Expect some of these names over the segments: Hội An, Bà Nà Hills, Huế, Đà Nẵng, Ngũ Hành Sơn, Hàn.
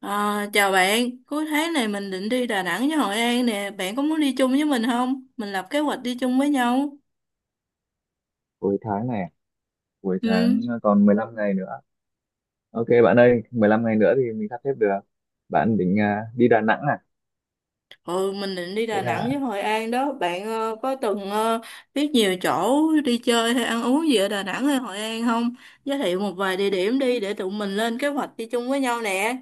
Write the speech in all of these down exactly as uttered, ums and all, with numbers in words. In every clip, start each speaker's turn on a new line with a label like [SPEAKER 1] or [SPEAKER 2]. [SPEAKER 1] À, chào bạn, cuối tháng này mình định đi Đà Nẵng với Hội An nè, bạn có muốn đi chung với mình không? Mình lập kế hoạch đi chung với nhau.
[SPEAKER 2] Cuối tháng này à? Cuối
[SPEAKER 1] Ừ,
[SPEAKER 2] tháng à, còn mười lăm ngày nữa. OK bạn ơi, mười lăm ngày nữa thì mình sắp xếp được. Bạn định à, đi Đà Nẵng à?
[SPEAKER 1] ừ mình định đi
[SPEAKER 2] Thế
[SPEAKER 1] Đà Nẵng
[SPEAKER 2] là.
[SPEAKER 1] với Hội An đó, bạn ờ, có từng ờ, biết nhiều chỗ đi chơi hay ăn uống gì ở Đà Nẵng hay Hội An không? Giới thiệu một vài địa điểm đi để tụi mình lên kế hoạch đi chung với nhau nè.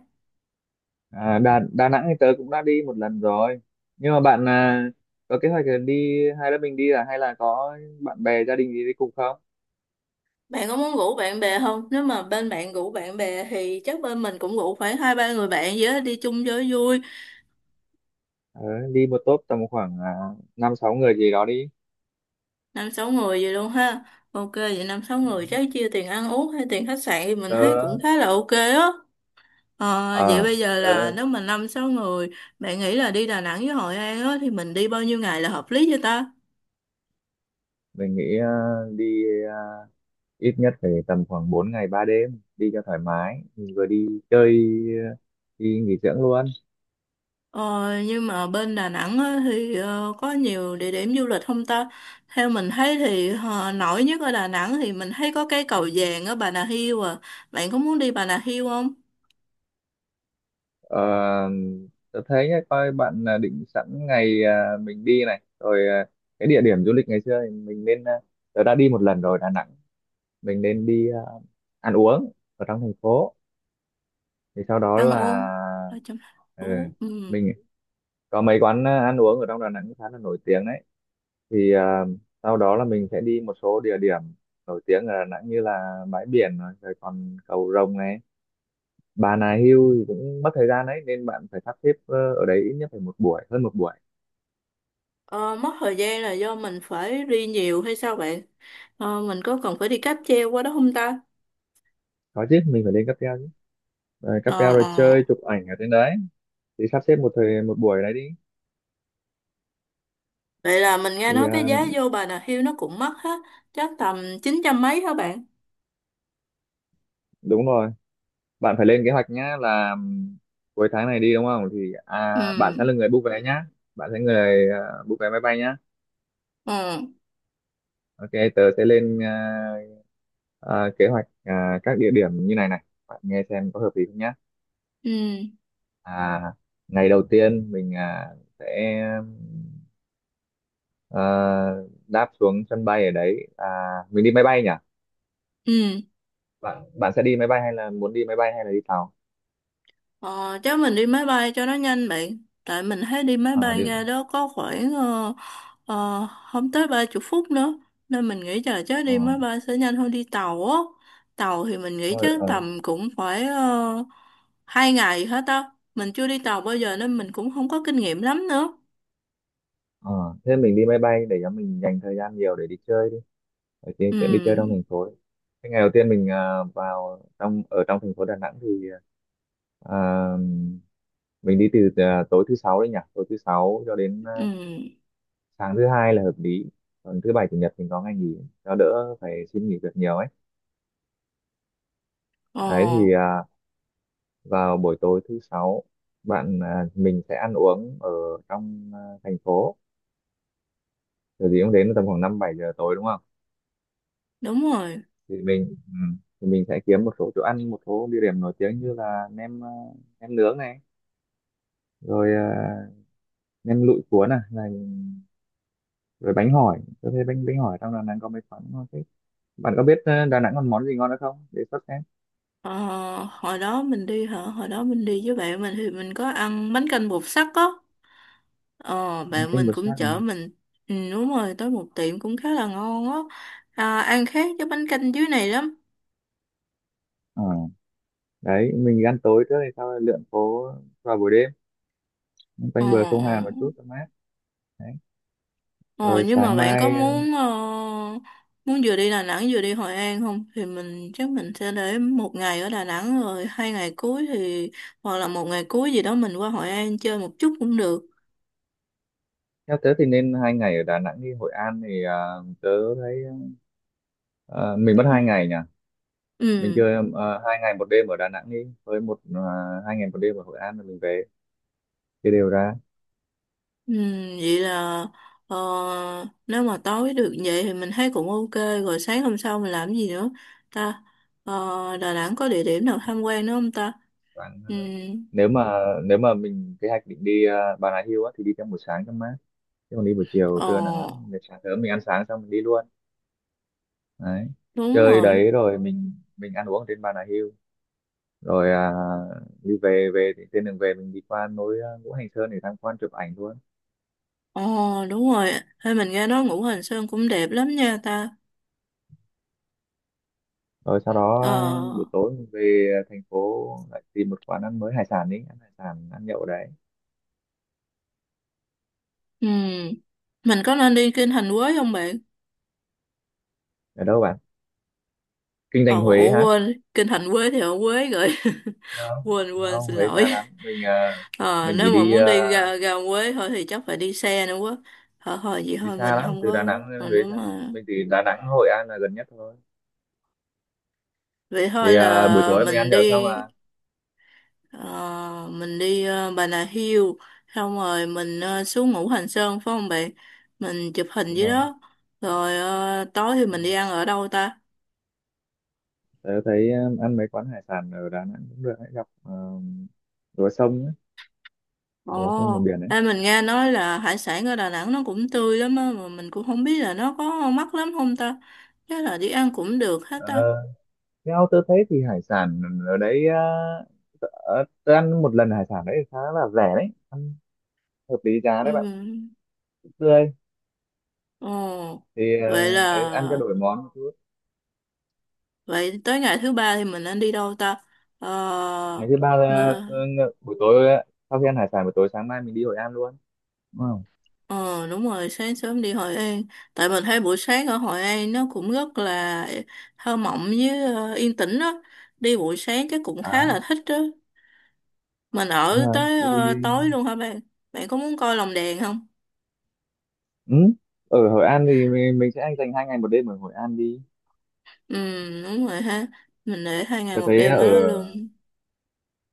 [SPEAKER 2] À, Đà Đà Nẵng thì tớ cũng đã đi một lần rồi, nhưng mà bạn à, có kế hoạch là đi hai đứa mình đi à, hay là có bạn bè gia đình gì đi cùng không?
[SPEAKER 1] Bạn có muốn rủ bạn bè không? Nếu mà bên bạn rủ bạn bè thì chắc bên mình cũng rủ khoảng hai ba người bạn gì đó đi chung cho vui.
[SPEAKER 2] Ờ, đi một tốp tầm khoảng à, năm sáu người gì đó đi.
[SPEAKER 1] Năm sáu người vậy luôn ha. Ok vậy năm sáu người chắc chia tiền ăn uống hay tiền khách sạn thì mình thấy cũng
[SPEAKER 2] Tớ
[SPEAKER 1] khá là ok á. Ờ, vậy
[SPEAKER 2] ờ
[SPEAKER 1] bây giờ là
[SPEAKER 2] tớ
[SPEAKER 1] nếu mà năm sáu người bạn nghĩ là đi Đà Nẵng với Hội An á thì mình đi bao nhiêu ngày là hợp lý cho ta?
[SPEAKER 2] Mình nghĩ à, đi à, ít nhất phải tầm khoảng bốn ngày ba đêm, đi cho thoải mái, mình vừa đi chơi đi nghỉ dưỡng luôn.
[SPEAKER 1] ờ, nhưng mà bên Đà Nẵng á thì ờ, có nhiều địa điểm du lịch không ta? Theo mình thấy thì ờ, nổi nhất ở Đà Nẵng thì mình thấy có cái cầu vàng ở Bà Nà Hills à. Bạn có muốn đi Bà Nà Hills không?
[SPEAKER 2] Ờ, tôi thấy nhá, coi bạn là định sẵn ngày à, mình đi này rồi, à, cái địa điểm du lịch ngày xưa thì mình nên à, tôi đã đi một lần rồi Đà Nẵng. Mình nên đi à, ăn uống ở trong thành phố, thì sau đó
[SPEAKER 1] Ăn
[SPEAKER 2] là.
[SPEAKER 1] uống ở trong thành
[SPEAKER 2] Ừ,
[SPEAKER 1] phố. Ừ.
[SPEAKER 2] mình có mấy quán à, ăn uống ở trong Đà Nẵng khá là nổi tiếng đấy, thì à, sau đó là mình sẽ đi một số địa điểm nổi tiếng ở Đà Nẵng như là bãi biển này, rồi còn cầu Rồng này. Bà Nà Hills thì cũng mất thời gian đấy nên bạn phải sắp xếp, ờ, ở đấy ít nhất phải một buổi, hơn một buổi.
[SPEAKER 1] Ờ, mất thời gian là do mình phải đi nhiều hay sao bạn? Ờ, mình có cần phải đi cáp treo qua đó không ta?
[SPEAKER 2] Có chứ, mình phải lên cáp treo chứ. Rồi cáp
[SPEAKER 1] Ờ,
[SPEAKER 2] treo rồi
[SPEAKER 1] ờ.
[SPEAKER 2] chơi chụp ảnh ở trên đấy, thì sắp xếp một thời một buổi đấy đi.
[SPEAKER 1] Vậy là mình nghe
[SPEAKER 2] thì
[SPEAKER 1] nói cái
[SPEAKER 2] à,
[SPEAKER 1] giá vô Bà Nà Hills nó cũng mắc hết, chắc tầm chín trăm mấy hả bạn?
[SPEAKER 2] Đúng rồi. Bạn phải lên kế hoạch nhá, là ừm, cuối tháng này đi đúng không, thì à,
[SPEAKER 1] Ừ,
[SPEAKER 2] bạn sẽ là người book vé nhá. Bạn sẽ người à, book vé máy bay nhá.
[SPEAKER 1] ừ,
[SPEAKER 2] OK tớ sẽ lên à, à, kế hoạch, à, các địa điểm như này này bạn nghe xem có hợp lý không nhé.
[SPEAKER 1] ừ,
[SPEAKER 2] à, Ngày đầu tiên mình à, sẽ à, đáp xuống sân bay ở đấy, à, mình đi máy bay nhỉ?
[SPEAKER 1] ừ.
[SPEAKER 2] Bạn bạn sẽ đi máy bay, hay là muốn đi máy bay, hay là đi tàu?
[SPEAKER 1] Ờ, chắc mình đi máy bay cho nó nhanh bạn. Tại mình thấy đi máy
[SPEAKER 2] À,
[SPEAKER 1] bay
[SPEAKER 2] đi,
[SPEAKER 1] ra đó có khoảng ờ, ờ, không tới ba chục phút nữa. Nên mình nghĩ là chắc
[SPEAKER 2] ờ,
[SPEAKER 1] đi máy bay sẽ nhanh hơn đi tàu á. Tàu thì mình nghĩ
[SPEAKER 2] thôi,
[SPEAKER 1] chắc
[SPEAKER 2] ờ,
[SPEAKER 1] tầm cũng phải uh, 2 ngày hết á. Mình chưa đi tàu bao giờ nên mình cũng không có kinh nghiệm lắm nữa.
[SPEAKER 2] ờ. Thế mình đi máy bay để cho mình dành thời gian nhiều để đi chơi đi, ở đi, để đi chơi trong thành
[SPEAKER 1] Ừ,
[SPEAKER 2] phố cái. Ngày đầu tiên mình à, vào trong, ở trong thành phố Đà Nẵng thì à, mình đi từ à, tối thứ sáu đấy nhỉ, tối thứ sáu cho đến à,
[SPEAKER 1] ừ,
[SPEAKER 2] sáng thứ hai là hợp lý. Còn thứ bảy chủ nhật mình có ngày nghỉ, cho đỡ phải xin nghỉ việc nhiều ấy. Đấy
[SPEAKER 1] ờ,
[SPEAKER 2] thì à, vào buổi tối thứ sáu bạn à, mình sẽ ăn uống ở trong à, thành phố. Kiểu gì cũng đến tầm khoảng năm bảy giờ tối, đúng không?
[SPEAKER 1] đúng rồi.
[SPEAKER 2] thì mình ừ, thì mình sẽ kiếm một số chỗ ăn, một số địa điểm nổi tiếng như là nem, à, nem nướng này, rồi à, nem lụi cuốn này, này, rồi bánh hỏi, tôi thấy bánh bánh hỏi trong Đà Nẵng có mấy quán ngon thế. Bạn có biết ờ, Đà Nẵng còn món gì ngon nữa không để sắp xếp?
[SPEAKER 1] Ờ, hồi đó mình đi hả? Hồi đó mình đi với bạn mình thì mình có ăn bánh canh bột sắt á. Ờ, bạn
[SPEAKER 2] Canh
[SPEAKER 1] mình
[SPEAKER 2] bờ
[SPEAKER 1] cũng
[SPEAKER 2] sát này.
[SPEAKER 1] chở mình. Ừ, đúng rồi tới một tiệm cũng khá là ngon á. À, ăn khác với bánh canh dưới này lắm.
[SPEAKER 2] Ờ, đấy mình ăn tối trước hay sau lượn phố vào buổi đêm,
[SPEAKER 1] Ờ,
[SPEAKER 2] quanh bờ sông
[SPEAKER 1] ờ.
[SPEAKER 2] Hàn một chút cho mát. Đấy.
[SPEAKER 1] ờ
[SPEAKER 2] Rồi
[SPEAKER 1] nhưng mà
[SPEAKER 2] sáng
[SPEAKER 1] bạn có
[SPEAKER 2] mai, ờ,
[SPEAKER 1] muốn ờ, muốn vừa đi Đà Nẵng vừa đi Hội An không thì mình chắc mình sẽ để một ngày ở Đà Nẵng rồi hai ngày cuối thì hoặc là một ngày cuối gì đó mình qua Hội An chơi một chút cũng được.
[SPEAKER 2] theo tớ thì nên hai ngày ở Đà Nẵng, đi Hội An thì ờ, tớ thấy, ờ, mình mất hai ngày nhỉ. Mình
[SPEAKER 1] Ừ.
[SPEAKER 2] chưa, ờ, hai ngày một đêm ở Đà Nẵng đi, với một, ờ, hai ngày một đêm ở Hội An rồi mình về, chia đều ra.
[SPEAKER 1] Ừ, vậy là ờ, nếu mà tối được vậy thì mình thấy cũng ok. Rồi sáng hôm sau mình làm gì nữa ta? Ờ, Đà Nẵng có địa điểm nào tham quan nữa không ta?
[SPEAKER 2] Khoảng-
[SPEAKER 1] Ừ,
[SPEAKER 2] nếu mà nếu mà mình kế hoạch định đi ờ, Bà Nà Hills á, thì đi trong buổi sáng cho mát, chứ còn đi buổi chiều
[SPEAKER 1] ờ,
[SPEAKER 2] trưa nắng lắm. Để sáng sớm mình ăn sáng xong mình đi luôn. Đấy,
[SPEAKER 1] đúng
[SPEAKER 2] chơi
[SPEAKER 1] rồi.
[SPEAKER 2] đấy rồi mình mình ăn uống ở trên Bà Nà Hills, rồi à, đi về về thì trên đường về mình đi qua núi, à, Ngũ Hành Sơn, để tham quan chụp ảnh luôn.
[SPEAKER 1] Ờ, đúng rồi. Hay mình nghe nói Ngũ Hành Sơn cũng đẹp lắm nha ta.
[SPEAKER 2] Rồi sau đó
[SPEAKER 1] Ờ,
[SPEAKER 2] à, buổi tối mình về thành phố, lại tìm một quán ăn mới, hải sản, đi ăn hải sản, ăn nhậu đấy.
[SPEAKER 1] ừ, mình có nên đi Kinh Thành Quế không bạn?
[SPEAKER 2] Ở đâu bạn? Kinh Thành
[SPEAKER 1] Ồ,
[SPEAKER 2] Huế
[SPEAKER 1] ủa,
[SPEAKER 2] hả?
[SPEAKER 1] quên Kinh Thành Quế thì ở Quế rồi.
[SPEAKER 2] Không.
[SPEAKER 1] Quên, quên,
[SPEAKER 2] Không,
[SPEAKER 1] xin
[SPEAKER 2] Huế
[SPEAKER 1] lỗi.
[SPEAKER 2] xa lắm, mình à,
[SPEAKER 1] Ờ,
[SPEAKER 2] mình chỉ
[SPEAKER 1] nếu mà
[SPEAKER 2] đi
[SPEAKER 1] muốn
[SPEAKER 2] à,
[SPEAKER 1] đi ra, ra Huế thôi thì chắc phải đi xe nữa quá. Thôi thôi vậy
[SPEAKER 2] đi
[SPEAKER 1] thôi
[SPEAKER 2] xa
[SPEAKER 1] mình
[SPEAKER 2] lắm,
[SPEAKER 1] không
[SPEAKER 2] từ Đà
[SPEAKER 1] có.
[SPEAKER 2] Nẵng
[SPEAKER 1] Mà
[SPEAKER 2] đến Huế
[SPEAKER 1] nếu
[SPEAKER 2] xa.
[SPEAKER 1] mà
[SPEAKER 2] Mình thì Đà Nẵng Hội An là gần nhất thôi.
[SPEAKER 1] vậy thôi
[SPEAKER 2] Thì à, buổi
[SPEAKER 1] là
[SPEAKER 2] tối mình ăn
[SPEAKER 1] mình
[SPEAKER 2] nhậu xong
[SPEAKER 1] đi
[SPEAKER 2] là
[SPEAKER 1] ờ, mình đi ờ, Bà Nà Hills xong rồi mình ờ, xuống Ngũ Hành Sơn phải không bạn? Mình chụp hình
[SPEAKER 2] đúng
[SPEAKER 1] dưới
[SPEAKER 2] rồi.
[SPEAKER 1] đó. Rồi ờ, tối thì mình đi ăn ở đâu ta?
[SPEAKER 2] Tớ thấy um, ăn mấy quán hải sản ở Đà Nẵng cũng được, hãy gặp, um, lúa sông ấy,
[SPEAKER 1] Ồ,
[SPEAKER 2] là lúa sông miền biển ấy.
[SPEAKER 1] đây mình nghe nói là hải sản ở Đà Nẵng nó cũng tươi lắm á mà mình cũng không biết là nó có mắc lắm không ta. Chắc là đi ăn cũng được hết
[SPEAKER 2] Ờ,
[SPEAKER 1] ta.
[SPEAKER 2] theo tớ thấy thì hải sản ở đấy, uh, tớ, ờ, tớ ăn một lần hải sản đấy khá là rẻ đấy, ăn hợp lý giá
[SPEAKER 1] Ừ.
[SPEAKER 2] đấy bạn, cũng tươi.
[SPEAKER 1] Ồ,
[SPEAKER 2] thì ờ,
[SPEAKER 1] vậy là
[SPEAKER 2] Ấy, ăn cho đổi món một chút.
[SPEAKER 1] vậy tới ngày thứ ba thì mình nên đi đâu ta? Ờ,
[SPEAKER 2] Ngày thứ ba là,
[SPEAKER 1] mà,
[SPEAKER 2] ờ, ng- buổi tối, ờ, sau khi ăn hải sản buổi tối, sáng mai mình đi Hội An luôn. Đúng không?
[SPEAKER 1] ờ đúng rồi, sáng sớm đi Hội An. Tại mình thấy buổi sáng ở Hội An nó cũng rất là thơ mộng với ờ, yên tĩnh đó. Đi buổi sáng chắc cũng khá
[SPEAKER 2] À,
[SPEAKER 1] là thích đó. Mình
[SPEAKER 2] đúng
[SPEAKER 1] ở
[SPEAKER 2] rồi.
[SPEAKER 1] tới ờ,
[SPEAKER 2] Đi.
[SPEAKER 1] tối luôn hả bạn? Bạn có muốn coi lồng đèn không?
[SPEAKER 2] Ừ. Ở Hội An thì mình, mình sẽ anh dành hai ngày một đêm ở Hội An đi.
[SPEAKER 1] Ừ, đúng rồi ha. Mình để hai ngày
[SPEAKER 2] Tớ
[SPEAKER 1] một
[SPEAKER 2] thấy
[SPEAKER 1] đêm
[SPEAKER 2] ở
[SPEAKER 1] ở đó luôn.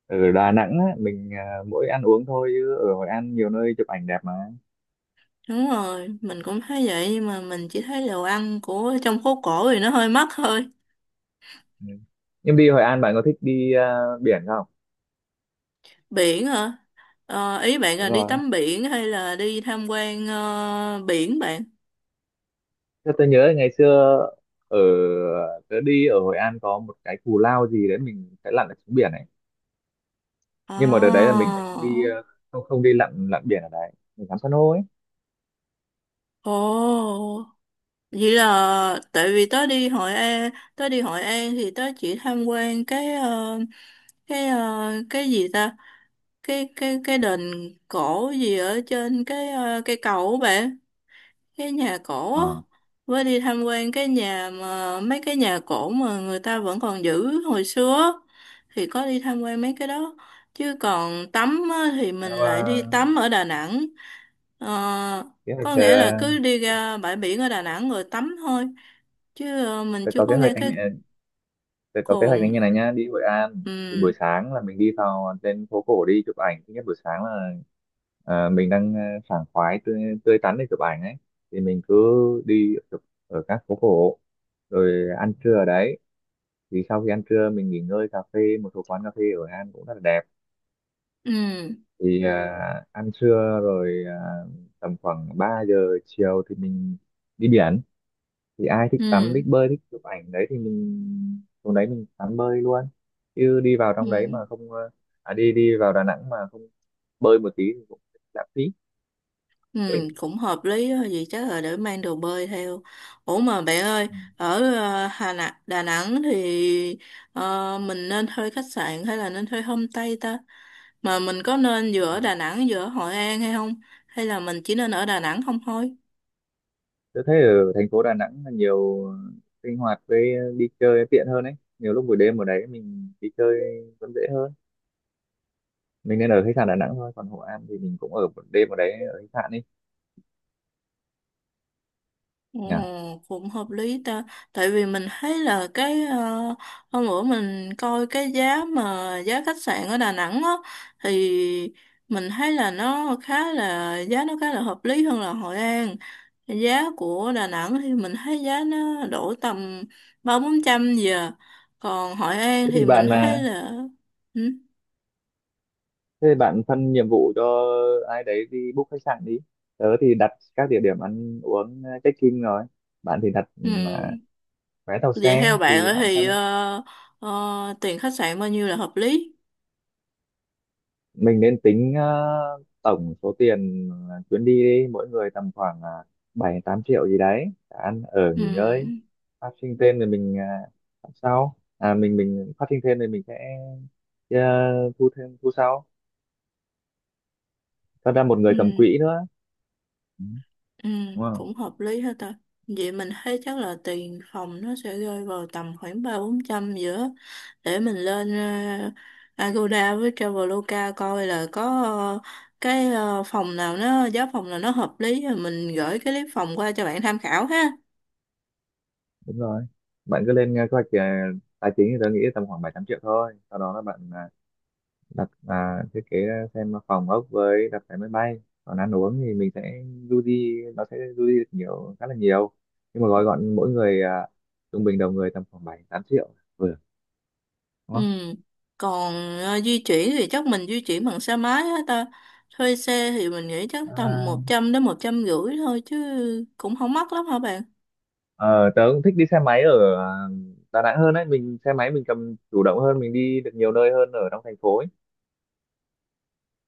[SPEAKER 2] ở Đà Nẵng á, mình à, mỗi ăn uống thôi, chứ ở Hội An nhiều nơi chụp ảnh đẹp mà.
[SPEAKER 1] Đúng rồi, mình cũng thấy vậy nhưng mà mình chỉ thấy đồ ăn của trong phố cổ thì nó hơi mắc thôi.
[SPEAKER 2] Ừ. Nhưng đi Hội An bạn có thích đi à, biển không?
[SPEAKER 1] Biển hả? Ờ, ý bạn là
[SPEAKER 2] Đúng
[SPEAKER 1] đi
[SPEAKER 2] rồi.
[SPEAKER 1] tắm biển hay là đi tham quan ờ, biển bạn?
[SPEAKER 2] Thế tôi nhớ ngày xưa, ở tớ đi ở Hội An có một cái cù lao gì đấy mình phải lặn ở xuống biển này,
[SPEAKER 1] Ồ,
[SPEAKER 2] nhưng mà đợt đấy là mình lại không đi à, không không đi lặn lặn biển ở đấy, mình ngắm san hô ấy.
[SPEAKER 1] ồ, vậy là tại vì tớ đi Hội An, tớ đi Hội An thì tớ chỉ tham quan cái ờ, cái ờ, cái gì ta? Cái cái cái đền cổ gì ở trên cái ờ, cây cầu á bạn. Cái nhà cổ á
[SPEAKER 2] Ờ.
[SPEAKER 1] với đi tham quan cái nhà mà mấy cái nhà cổ mà người ta vẫn còn giữ hồi xưa á, thì có đi tham quan mấy cái đó chứ còn tắm á, thì
[SPEAKER 2] Thế
[SPEAKER 1] mình
[SPEAKER 2] mà
[SPEAKER 1] lại đi tắm ở Đà Nẵng. Ờ,
[SPEAKER 2] kế hoạch,
[SPEAKER 1] có
[SPEAKER 2] ờ,
[SPEAKER 1] nghĩa là cứ đi ra bãi biển ở Đà Nẵng rồi tắm thôi chứ ờ, mình
[SPEAKER 2] tớ
[SPEAKER 1] chưa
[SPEAKER 2] có
[SPEAKER 1] có
[SPEAKER 2] kế hoạch,
[SPEAKER 1] nghe
[SPEAKER 2] anh
[SPEAKER 1] cái
[SPEAKER 2] à, tôi có kế hoạch
[SPEAKER 1] cồn.
[SPEAKER 2] là như này nhá: đi Hội An thì
[SPEAKER 1] Ừ.
[SPEAKER 2] buổi sáng là mình đi vào trên phố cổ đi chụp ảnh. Thứ nhất buổi sáng là à, mình đang à, sảng khoái, tươi, tươi tắn để chụp ảnh ấy, thì mình cứ đi chụp ở các phố cổ, rồi ăn trưa ở đấy. Thì sau khi ăn trưa mình nghỉ ngơi, cà phê, một số quán cà phê ở Hội An cũng rất là đẹp.
[SPEAKER 1] Ừ.
[SPEAKER 2] Thì à, ăn trưa rồi, à, tầm khoảng ba giờ chiều thì mình đi biển. Thì ai thích tắm
[SPEAKER 1] Ừ.
[SPEAKER 2] thích bơi thích chụp ảnh đấy thì mình xuống đấy mình tắm bơi luôn, chứ đi vào trong đấy
[SPEAKER 1] Ừ.
[SPEAKER 2] mà không, ờ, à, đi đi vào Đà Nẵng mà không bơi một tí thì cũng lãng phí.
[SPEAKER 1] Ừ, cũng hợp lý đó, vậy chắc là để mang đồ bơi theo. Ủa mà bạn ơi,
[SPEAKER 2] Ừ.
[SPEAKER 1] ở ờ, Hà Nẵng, Đà Nẵng thì ờ, mình nên thuê khách sạn hay là nên thuê homestay ta? Mà mình có nên vừa ở Đà Nẵng vừa ở Hội An hay không? Hay là mình chỉ nên ở Đà Nẵng không thôi?
[SPEAKER 2] Tôi thấy ở thành phố Đà Nẵng là nhiều sinh hoạt với đi chơi tiện hơn ấy, nhiều lúc buổi đêm ở đấy mình đi chơi vẫn dễ hơn, mình nên ở khách sạn Đà Nẵng thôi, còn Hội An thì mình cũng ở một đêm ở đấy ở khách sạn đi
[SPEAKER 1] Ồ,
[SPEAKER 2] nhỉ?
[SPEAKER 1] cũng hợp lý ta. Tại vì mình thấy là cái ờ, hôm bữa mình coi cái giá mà giá khách sạn ở Đà Nẵng á thì mình thấy là nó khá là giá nó khá là hợp lý hơn là Hội An. Giá của Đà Nẵng thì mình thấy giá nó đổ tầm ba bốn trăm giờ. Còn Hội An
[SPEAKER 2] thế
[SPEAKER 1] thì
[SPEAKER 2] thì
[SPEAKER 1] mình
[SPEAKER 2] bạn
[SPEAKER 1] thấy
[SPEAKER 2] là
[SPEAKER 1] là. Ừ.
[SPEAKER 2] Thế bạn phân nhiệm vụ cho ai đấy đi book khách sạn đi. Tớ thì đặt các địa điểm ăn uống, ờ, check-in rồi. Bạn thì đặt
[SPEAKER 1] Ừ.
[SPEAKER 2] ừm, à, vé tàu
[SPEAKER 1] Vậy
[SPEAKER 2] xe
[SPEAKER 1] theo bạn
[SPEAKER 2] thì
[SPEAKER 1] á
[SPEAKER 2] bạn
[SPEAKER 1] thì ờ,
[SPEAKER 2] phân.
[SPEAKER 1] ờ, tiền khách sạn bao nhiêu là hợp lý?
[SPEAKER 2] Mình nên tính ờ, tổng số tiền, ờ, chuyến đi đi, mỗi người tầm khoảng, uh, bảy tám triệu gì đấy, cả ăn ở
[SPEAKER 1] Ừ.
[SPEAKER 2] nghỉ ngơi. Phát sinh thêm thì mình, ờ, làm sau. À, mình mình phát sinh thêm thì mình sẽ, ờ, thu thêm, thu sau. Cho ra một người cầm
[SPEAKER 1] Ừ.
[SPEAKER 2] quỹ nữa. Ừ,
[SPEAKER 1] Ừ,
[SPEAKER 2] đúng,
[SPEAKER 1] cũng hợp lý hết ta. Vậy mình thấy chắc là tiền phòng nó sẽ rơi vào tầm khoảng ba bốn trăm giữa để mình lên ờ, Agoda với Traveloka coi là có ờ, cái ờ, phòng nào nó giá phòng nào nó hợp lý rồi mình gửi cái clip phòng qua cho bạn tham khảo ha.
[SPEAKER 2] đúng rồi. Bạn cứ lên à, kế hoạch, à, tài chính thì tôi nghĩ tầm khoảng bảy tám triệu thôi, sau đó là bạn à, đặt, à, thiết kế ra xem phòng ốc với đặt vé máy bay, còn ăn uống thì mình sẽ du đi, nó sẽ du đi được nhiều, khá là nhiều, nhưng mà gói gọn mỗi người à, trung bình đầu người tầm khoảng bảy tám triệu, vừa, đúng
[SPEAKER 1] Ừ.
[SPEAKER 2] không?
[SPEAKER 1] Còn ờ, di chuyển thì chắc mình di chuyển bằng xe máy hết ta. Thuê xe thì mình nghĩ chắc tầm một
[SPEAKER 2] à,
[SPEAKER 1] trăm đến một trăm rưỡi thôi chứ cũng không mắc lắm hả bạn?
[SPEAKER 2] ờ, Tớ cũng thích đi xe máy ở à, Đà Nẵng hơn, đấy mình xe máy mình cầm chủ động hơn, mình đi được nhiều nơi hơn ở trong thành phố ấy.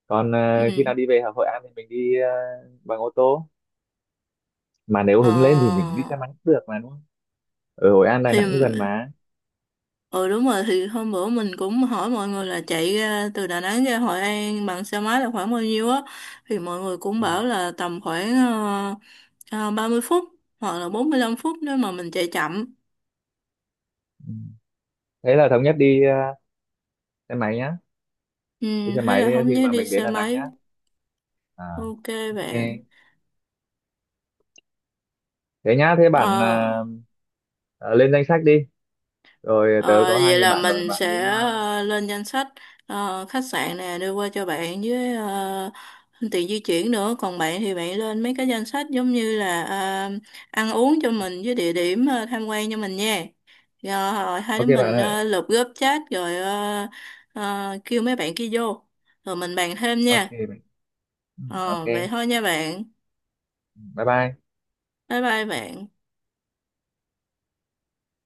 [SPEAKER 2] Còn
[SPEAKER 1] Ừ.
[SPEAKER 2] à, khi nào đi về Hà Hội An thì mình đi à, bằng ô tô, mà nếu
[SPEAKER 1] Ờ
[SPEAKER 2] hứng lên thì mình đi xe máy cũng được mà, đúng không? Ở Hội An Đà
[SPEAKER 1] thì.
[SPEAKER 2] Nẵng cũng gần mà.
[SPEAKER 1] Ừ đúng rồi thì hôm bữa mình cũng hỏi mọi người là chạy ra từ Đà Nẵng ra Hội An bằng xe máy là khoảng bao nhiêu á thì mọi người cũng bảo là tầm khoảng ờ, ờ, 30 phút hoặc là bốn mươi lăm phút nếu mà mình chạy chậm.
[SPEAKER 2] Thế là thống nhất đi, ờ, xe máy nhá, đi
[SPEAKER 1] Ừ,
[SPEAKER 2] xe
[SPEAKER 1] hay
[SPEAKER 2] máy
[SPEAKER 1] là không
[SPEAKER 2] khi
[SPEAKER 1] nhớ
[SPEAKER 2] mà
[SPEAKER 1] đi
[SPEAKER 2] mình đến
[SPEAKER 1] xe
[SPEAKER 2] Đà Nẵng nhá.
[SPEAKER 1] máy.
[SPEAKER 2] à
[SPEAKER 1] Ok bạn.
[SPEAKER 2] OK. Thế nhá, thế bạn, ờ,
[SPEAKER 1] Ờ.
[SPEAKER 2] ờ, lên danh sách đi, rồi
[SPEAKER 1] Ờ,
[SPEAKER 2] tớ có hai
[SPEAKER 1] vậy
[SPEAKER 2] người
[SPEAKER 1] là
[SPEAKER 2] bạn rồi,
[SPEAKER 1] mình
[SPEAKER 2] bạn
[SPEAKER 1] sẽ
[SPEAKER 2] cũng, ờ,
[SPEAKER 1] ờ, lên danh sách ờ, khách sạn nè đưa qua cho bạn với ờ, tiền di chuyển nữa. Còn bạn thì bạn lên mấy cái danh sách giống như là ờ, ăn uống cho mình với địa điểm ờ, tham quan cho mình nha. Rồi ờ, hai đứa
[SPEAKER 2] OK bạn
[SPEAKER 1] mình
[SPEAKER 2] ơi.
[SPEAKER 1] ờ, lập group chat rồi ờ, ờ, kêu mấy bạn kia vô. Rồi mình bàn thêm
[SPEAKER 2] OK
[SPEAKER 1] nha.
[SPEAKER 2] bạn. Ừ, OK.
[SPEAKER 1] Ờ, vậy thôi nha bạn.
[SPEAKER 2] Bye bye.
[SPEAKER 1] Bye bye bạn.